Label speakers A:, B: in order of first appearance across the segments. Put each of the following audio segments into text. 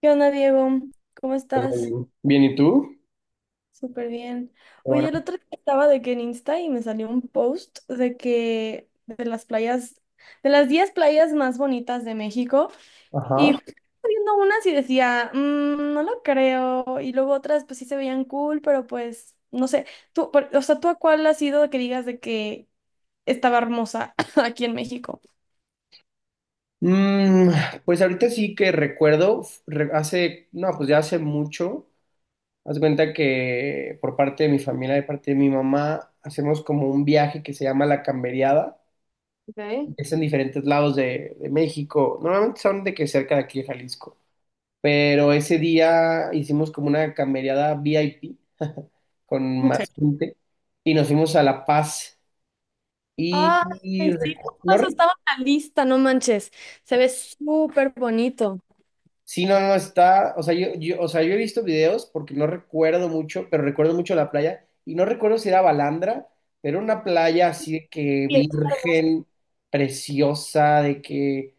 A: ¿Qué onda, Diego? ¿Cómo
B: Muy
A: estás?
B: bien, bien, ¿y tú?
A: Súper bien. Oye,
B: Ahora,
A: el otro día estaba de que en Insta y me salió un post de las playas, de las 10 playas más bonitas de México
B: ajá.
A: y justo estaba viendo unas y decía, "Mm, no lo creo", y luego otras pues sí se veían cool, pero pues no sé, tú, o sea, ¿tú a cuál has ido que digas de que estaba hermosa aquí en México?
B: Mm, pues ahorita sí que recuerdo, hace, no, pues ya hace mucho, haz de cuenta que por parte de mi familia, de parte de mi mamá, hacemos como un viaje que se llama La Camberiada,
A: Ok.
B: es en diferentes lados de México, normalmente son de que cerca de aquí de Jalisco, pero ese día hicimos como una camberiada VIP con más gente y nos fuimos a La Paz y, y
A: Ay, sí, justo
B: no.
A: eso estaba en la lista, no manches. Se ve súper bonito.
B: Sí, no, no está, o sea, o sea, yo he visto videos porque no recuerdo mucho, pero recuerdo mucho la playa y no recuerdo si era Balandra, pero una playa así de que
A: Sí,
B: virgen, preciosa, de que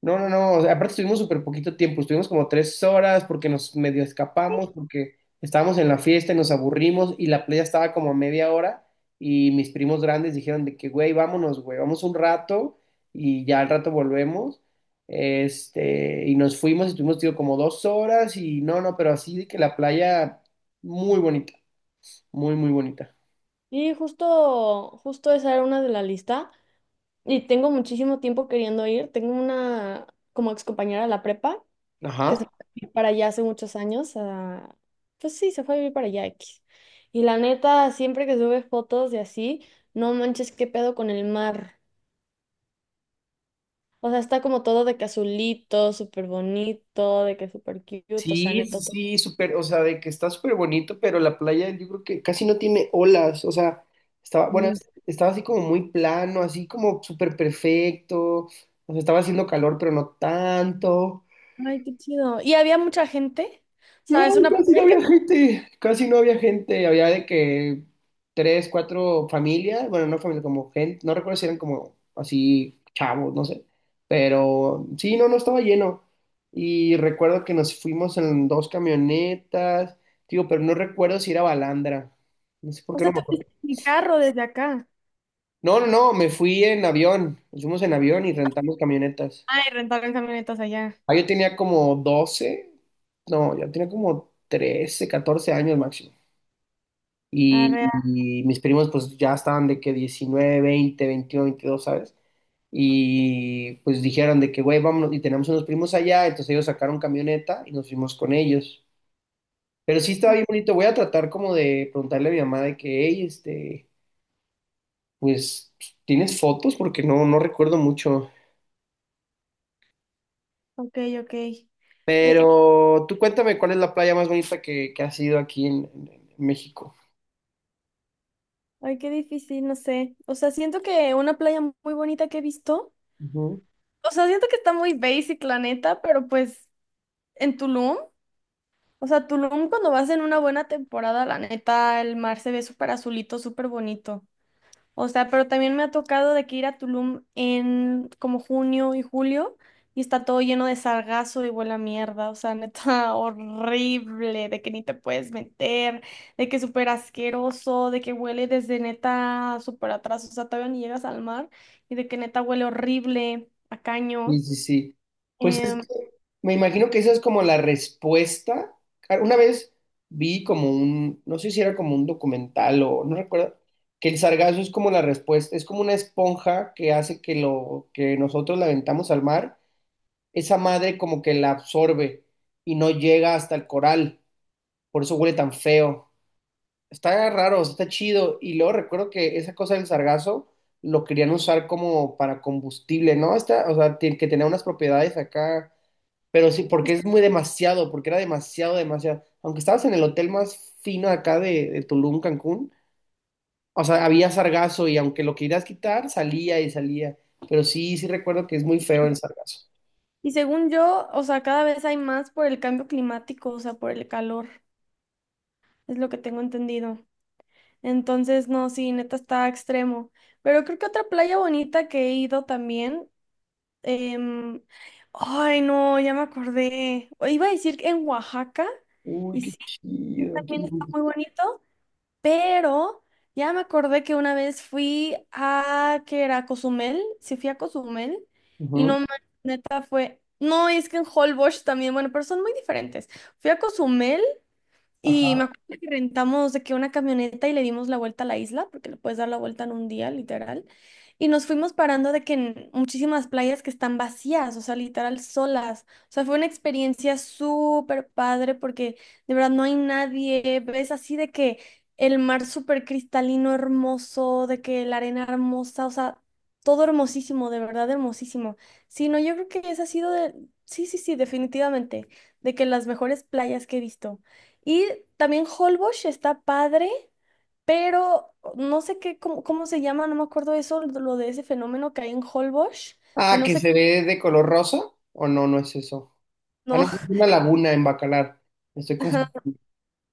B: no, no, no, o sea, aparte estuvimos súper poquito tiempo, estuvimos como tres horas porque nos medio escapamos, porque estábamos en la fiesta y nos aburrimos y la playa estaba como a media hora y mis primos grandes dijeron de que, güey, vámonos, güey, vamos un rato y ya al rato volvemos. Este, y nos fuimos, estuvimos, tío, como dos horas y no, no, pero así de que la playa muy bonita, muy, muy bonita.
A: sí, justo, justo esa era una de la lista. Y tengo muchísimo tiempo queriendo ir. Tengo una como excompañera de la prepa
B: Ajá.
A: que se fue a vivir para allá hace muchos años. Pues sí, se fue a vivir para allá X. Y la neta, siempre que sube fotos de así, no manches, qué pedo con el mar. O sea, está como todo de que azulito, súper bonito, de que súper cute, o sea,
B: Sí, sí,
A: neta.
B: sí, súper, o sea, de que está súper bonito, pero la playa yo creo que casi no tiene olas, o sea, estaba, bueno, estaba así como muy plano, así como súper perfecto, o sea, estaba haciendo calor, pero no tanto,
A: Ay, qué chido. ¿Y había mucha gente? O
B: no,
A: sea, es una
B: casi no
A: playa que...
B: había gente, casi no había gente, había de que tres, cuatro familias, bueno, no familias, como gente, no recuerdo si eran como así chavos, no sé, pero sí, no, no estaba lleno. Y recuerdo que nos fuimos en dos camionetas, digo, pero no recuerdo si era Balandra, no sé por
A: O
B: qué no
A: sea,
B: me
A: te
B: acuerdo.
A: fuiste en mi carro desde acá.
B: No, no, no, me fui en avión, nos fuimos en avión y rentamos camionetas.
A: Ay, rentaron camionetas allá.
B: Ah, yo tenía como 12, no, yo tenía como 13, 14 años máximo. Y,
A: Arre,
B: y mis primos pues ya estaban de que 19 20 21 22, ¿sabes? Y pues dijeron de que, güey, vámonos, y tenemos unos primos allá, entonces ellos sacaron camioneta y nos fuimos con ellos. Pero sí estaba bien bonito, voy a tratar como de preguntarle a mi mamá de que, hey, este, pues, ¿tienes fotos? Porque no, no recuerdo mucho.
A: ok, ok. Eh,
B: Pero tú cuéntame cuál es la playa más bonita que has ido aquí en México.
A: ay, qué difícil, no sé. O sea, siento que una playa muy bonita que he visto.
B: Ujú.
A: O sea, siento que está muy basic, la neta, pero pues en Tulum. O sea, Tulum cuando vas en una buena temporada, la neta, el mar se ve súper azulito, súper bonito. O sea, pero también me ha tocado de que ir a Tulum en como junio y julio y está todo lleno de sargazo y huele a mierda. O sea, neta, horrible, de que ni te puedes meter, de que es súper asqueroso, de que huele desde neta súper atrás. O sea, todavía ni llegas al mar y de que neta huele horrible a
B: Sí,
A: caño.
B: sí, sí. Pues
A: Em,
B: es que me imagino que esa es como la respuesta. Ah, una vez vi como un, no sé si era como un documental o no recuerdo, que el sargazo es como la respuesta, es como una esponja que hace que lo que nosotros la aventamos al mar, esa madre como que la absorbe y no llega hasta el coral, por eso huele tan feo. Está raro, está chido. Y luego recuerdo que esa cosa del sargazo lo querían usar como para combustible, ¿no? Está, o sea, que tenía unas propiedades acá, pero sí, porque es muy demasiado, porque era demasiado, demasiado. Aunque estabas en el hotel más fino acá de Tulum, Cancún, o sea, había sargazo y aunque lo querías quitar, salía y salía. Pero sí, sí recuerdo que es muy feo el sargazo.
A: y según yo, o sea, cada vez hay más por el cambio climático, o sea, por el calor. Es lo que tengo entendido. Entonces, no, sí, neta está extremo. Pero creo que otra playa bonita que he ido también, em, ay, no, ya me acordé. O iba a decir que en Oaxaca,
B: Uy,
A: y
B: qué
A: sí, sí,
B: chido.
A: también está muy bonito, pero ya me acordé que una vez fui a, que era Cozumel, sí fui a Cozumel, y
B: Ujú.
A: no me fue. No, es que en Holbox también, bueno, pero son muy diferentes. Fui a Cozumel y me
B: Ajá.
A: acuerdo que rentamos de que una camioneta y le dimos la vuelta a la isla, porque le puedes dar la vuelta en un día, literal. Y nos fuimos parando de que en muchísimas playas que están vacías, o sea, literal solas. O sea, fue una experiencia súper padre porque de verdad no hay nadie. Ves así de que el mar súper cristalino, hermoso, de que la arena hermosa, o sea, todo hermosísimo, de verdad hermosísimo. Sí, no, yo creo que esa ha sido de... Sí, sí, sí, definitivamente, de que las mejores playas que he visto. Y también Holbox está padre, pero no sé qué, cómo se llama, no me acuerdo eso, lo de ese fenómeno que hay en Holbox, de
B: Ah,
A: no
B: que
A: sé,
B: se ve de color rosa, o no, no es eso. Ah, no,
A: no.
B: es una laguna en Bacalar. Estoy confundido.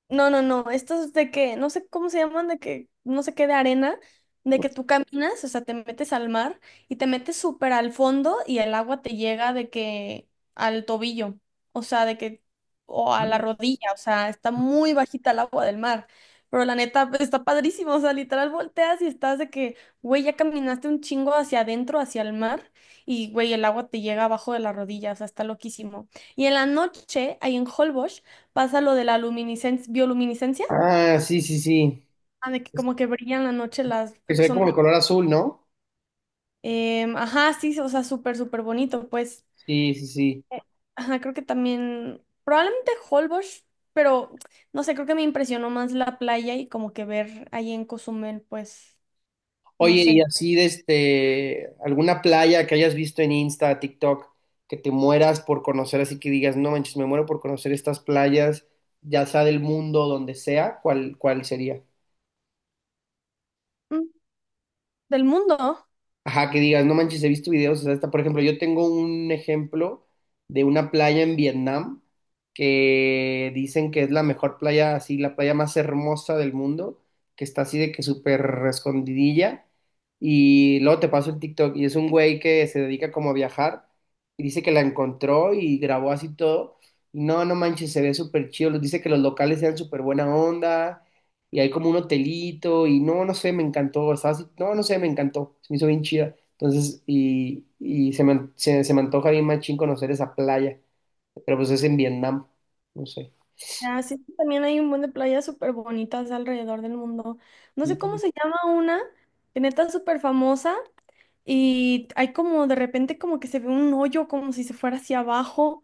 A: No, no, no, estos no sé cómo se llaman, no sé qué, de arena, de que tú caminas, o sea, te metes al mar y te metes súper al fondo y el agua te llega de que al tobillo, o sea, de que, o a la rodilla, o sea, está muy bajita el agua del mar, pero la neta pues, está padrísimo, o sea, literal volteas y estás de que, güey, ya caminaste un chingo hacia adentro, hacia el mar y, güey, el agua te llega abajo de la rodilla, o sea, está loquísimo. Y en la noche, ahí en Holbox, pasa lo de la luminiscencia, bioluminiscencia,
B: Ah, sí, sí, sí.
A: ah, de que
B: Es
A: como que brillan la noche las,
B: que
A: creo
B: se
A: que
B: ve como
A: son,
B: de color azul, ¿no?
A: ajá, sí, o sea, súper, súper bonito, pues,
B: Sí, sí, sí.
A: Eh, ajá, creo que también, probablemente Holbox, pero, no sé, creo que me impresionó más la playa y como que ver ahí en Cozumel, pues, no
B: Oye, y
A: sé,
B: así de este, alguna playa que hayas visto en Insta, TikTok, que te mueras por conocer, así que digas, no manches, me muero por conocer estas playas, ya sea del mundo, donde sea, ¿cuál, cuál sería?
A: mm, del mundo,
B: Ajá, que digas, no manches, he visto videos, o sea, hasta, por ejemplo, yo tengo un ejemplo de una playa en Vietnam que dicen que es la mejor playa, así, la playa más hermosa del mundo, que está así de que súper escondidilla, y luego te paso el TikTok, y es un güey que se dedica como a viajar, y dice que la encontró y grabó así todo, y no, no manches, se ve súper chido, dice que los locales sean súper buena onda, y hay como un hotelito y no, no sé, me encantó, estaba así, no, no sé, me encantó, se me hizo bien chida. Entonces, y se me antoja bien machín conocer esa playa, pero pues es en Vietnam, no sé.
A: ah, sí, también hay un buen de playas súper bonitas alrededor del mundo, no
B: Sí,
A: sé cómo se llama una, que neta es súper famosa, y hay como de repente como que se ve un hoyo como si se fuera hacia abajo.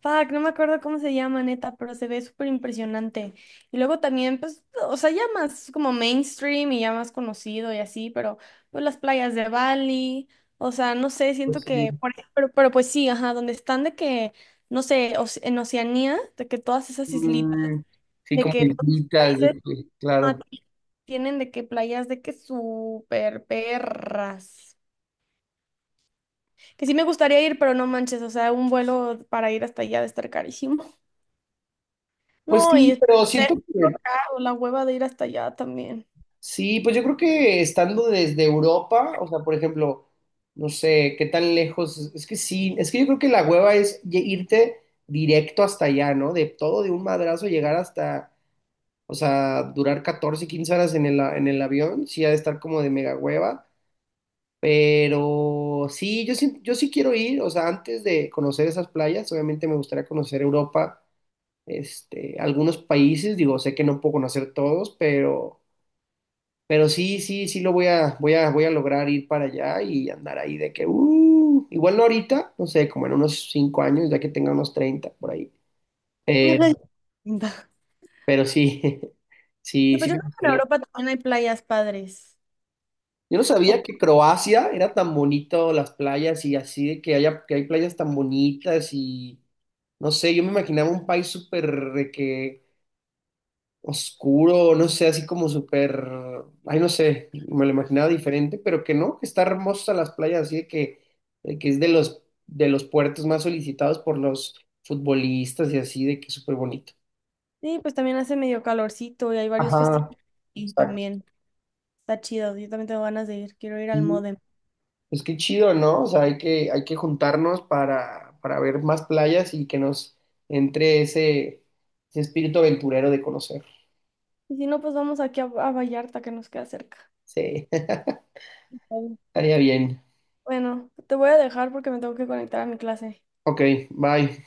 A: Fuck, no me acuerdo cómo se llama, neta, pero se ve súper impresionante. Y luego también, pues, o sea, ya más como mainstream y ya más conocido y así, pero pues las playas de Bali, o sea, no sé, siento
B: pues sí.
A: que, pero pues sí, ajá, donde están de que, no sé, en Oceanía, de que todas esas islitas,
B: Mm, sí,
A: de
B: como
A: que todos los
B: islitas, de
A: países
B: que,
A: ah,
B: claro.
A: tienen de que playas de que súper perras. Que sí me gustaría ir, pero no manches, o sea, un vuelo para ir hasta allá de estar carísimo.
B: Pues
A: No, y
B: sí,
A: es
B: pero siento
A: lo
B: que
A: caro, la hueva de ir hasta allá también.
B: sí, pues yo creo que estando desde Europa, o sea, por ejemplo, no sé, qué tan lejos, es que sí, es que yo creo que la hueva es irte directo hasta allá, ¿no? De todo de un madrazo llegar hasta, o sea, durar 14, 15 horas en el, en el avión, sí ha de estar como de mega hueva, pero sí, yo sí quiero ir, o sea, antes de conocer esas playas, obviamente me gustaría conocer Europa, este, algunos países, digo, sé que no puedo conocer todos, pero... Pero sí, sí, sí lo voy a lograr ir para allá y andar ahí de que, igual no ahorita, no sé, como en unos 5 años, ya que tenga unos 30 por ahí.
A: Ay,
B: Pero,
A: linda.
B: pero sí, sí,
A: Sí,
B: sí
A: pues yo
B: me
A: creo que en
B: gustaría.
A: Europa también hay playas padres.
B: Yo no
A: O-
B: sabía que Croacia era tan bonito, las playas y así, de que haya, que hay playas tan bonitas y, no sé, yo me imaginaba un país súper de que oscuro, no sé, así como súper, ay, no sé, me lo imaginaba diferente, pero que no, que está hermosa las playas, así de que es de de los puertos más solicitados por los futbolistas y así, de que es súper bonito.
A: sí, pues también hace medio calorcito y hay varios
B: Ajá,
A: festivales. Y
B: exacto.
A: también está chido, yo también tengo ganas de ir, quiero ir al
B: Y,
A: Modem.
B: pues qué chido, ¿no? O sea, hay que juntarnos para ver más playas y que nos entre ese, ese espíritu aventurero de conocer.
A: Y si no, pues vamos aquí a Vallarta, que nos queda cerca.
B: Sí,
A: Está bien.
B: estaría bien.
A: Bueno, te voy a dejar porque me tengo que conectar a mi clase.
B: Ok, bye.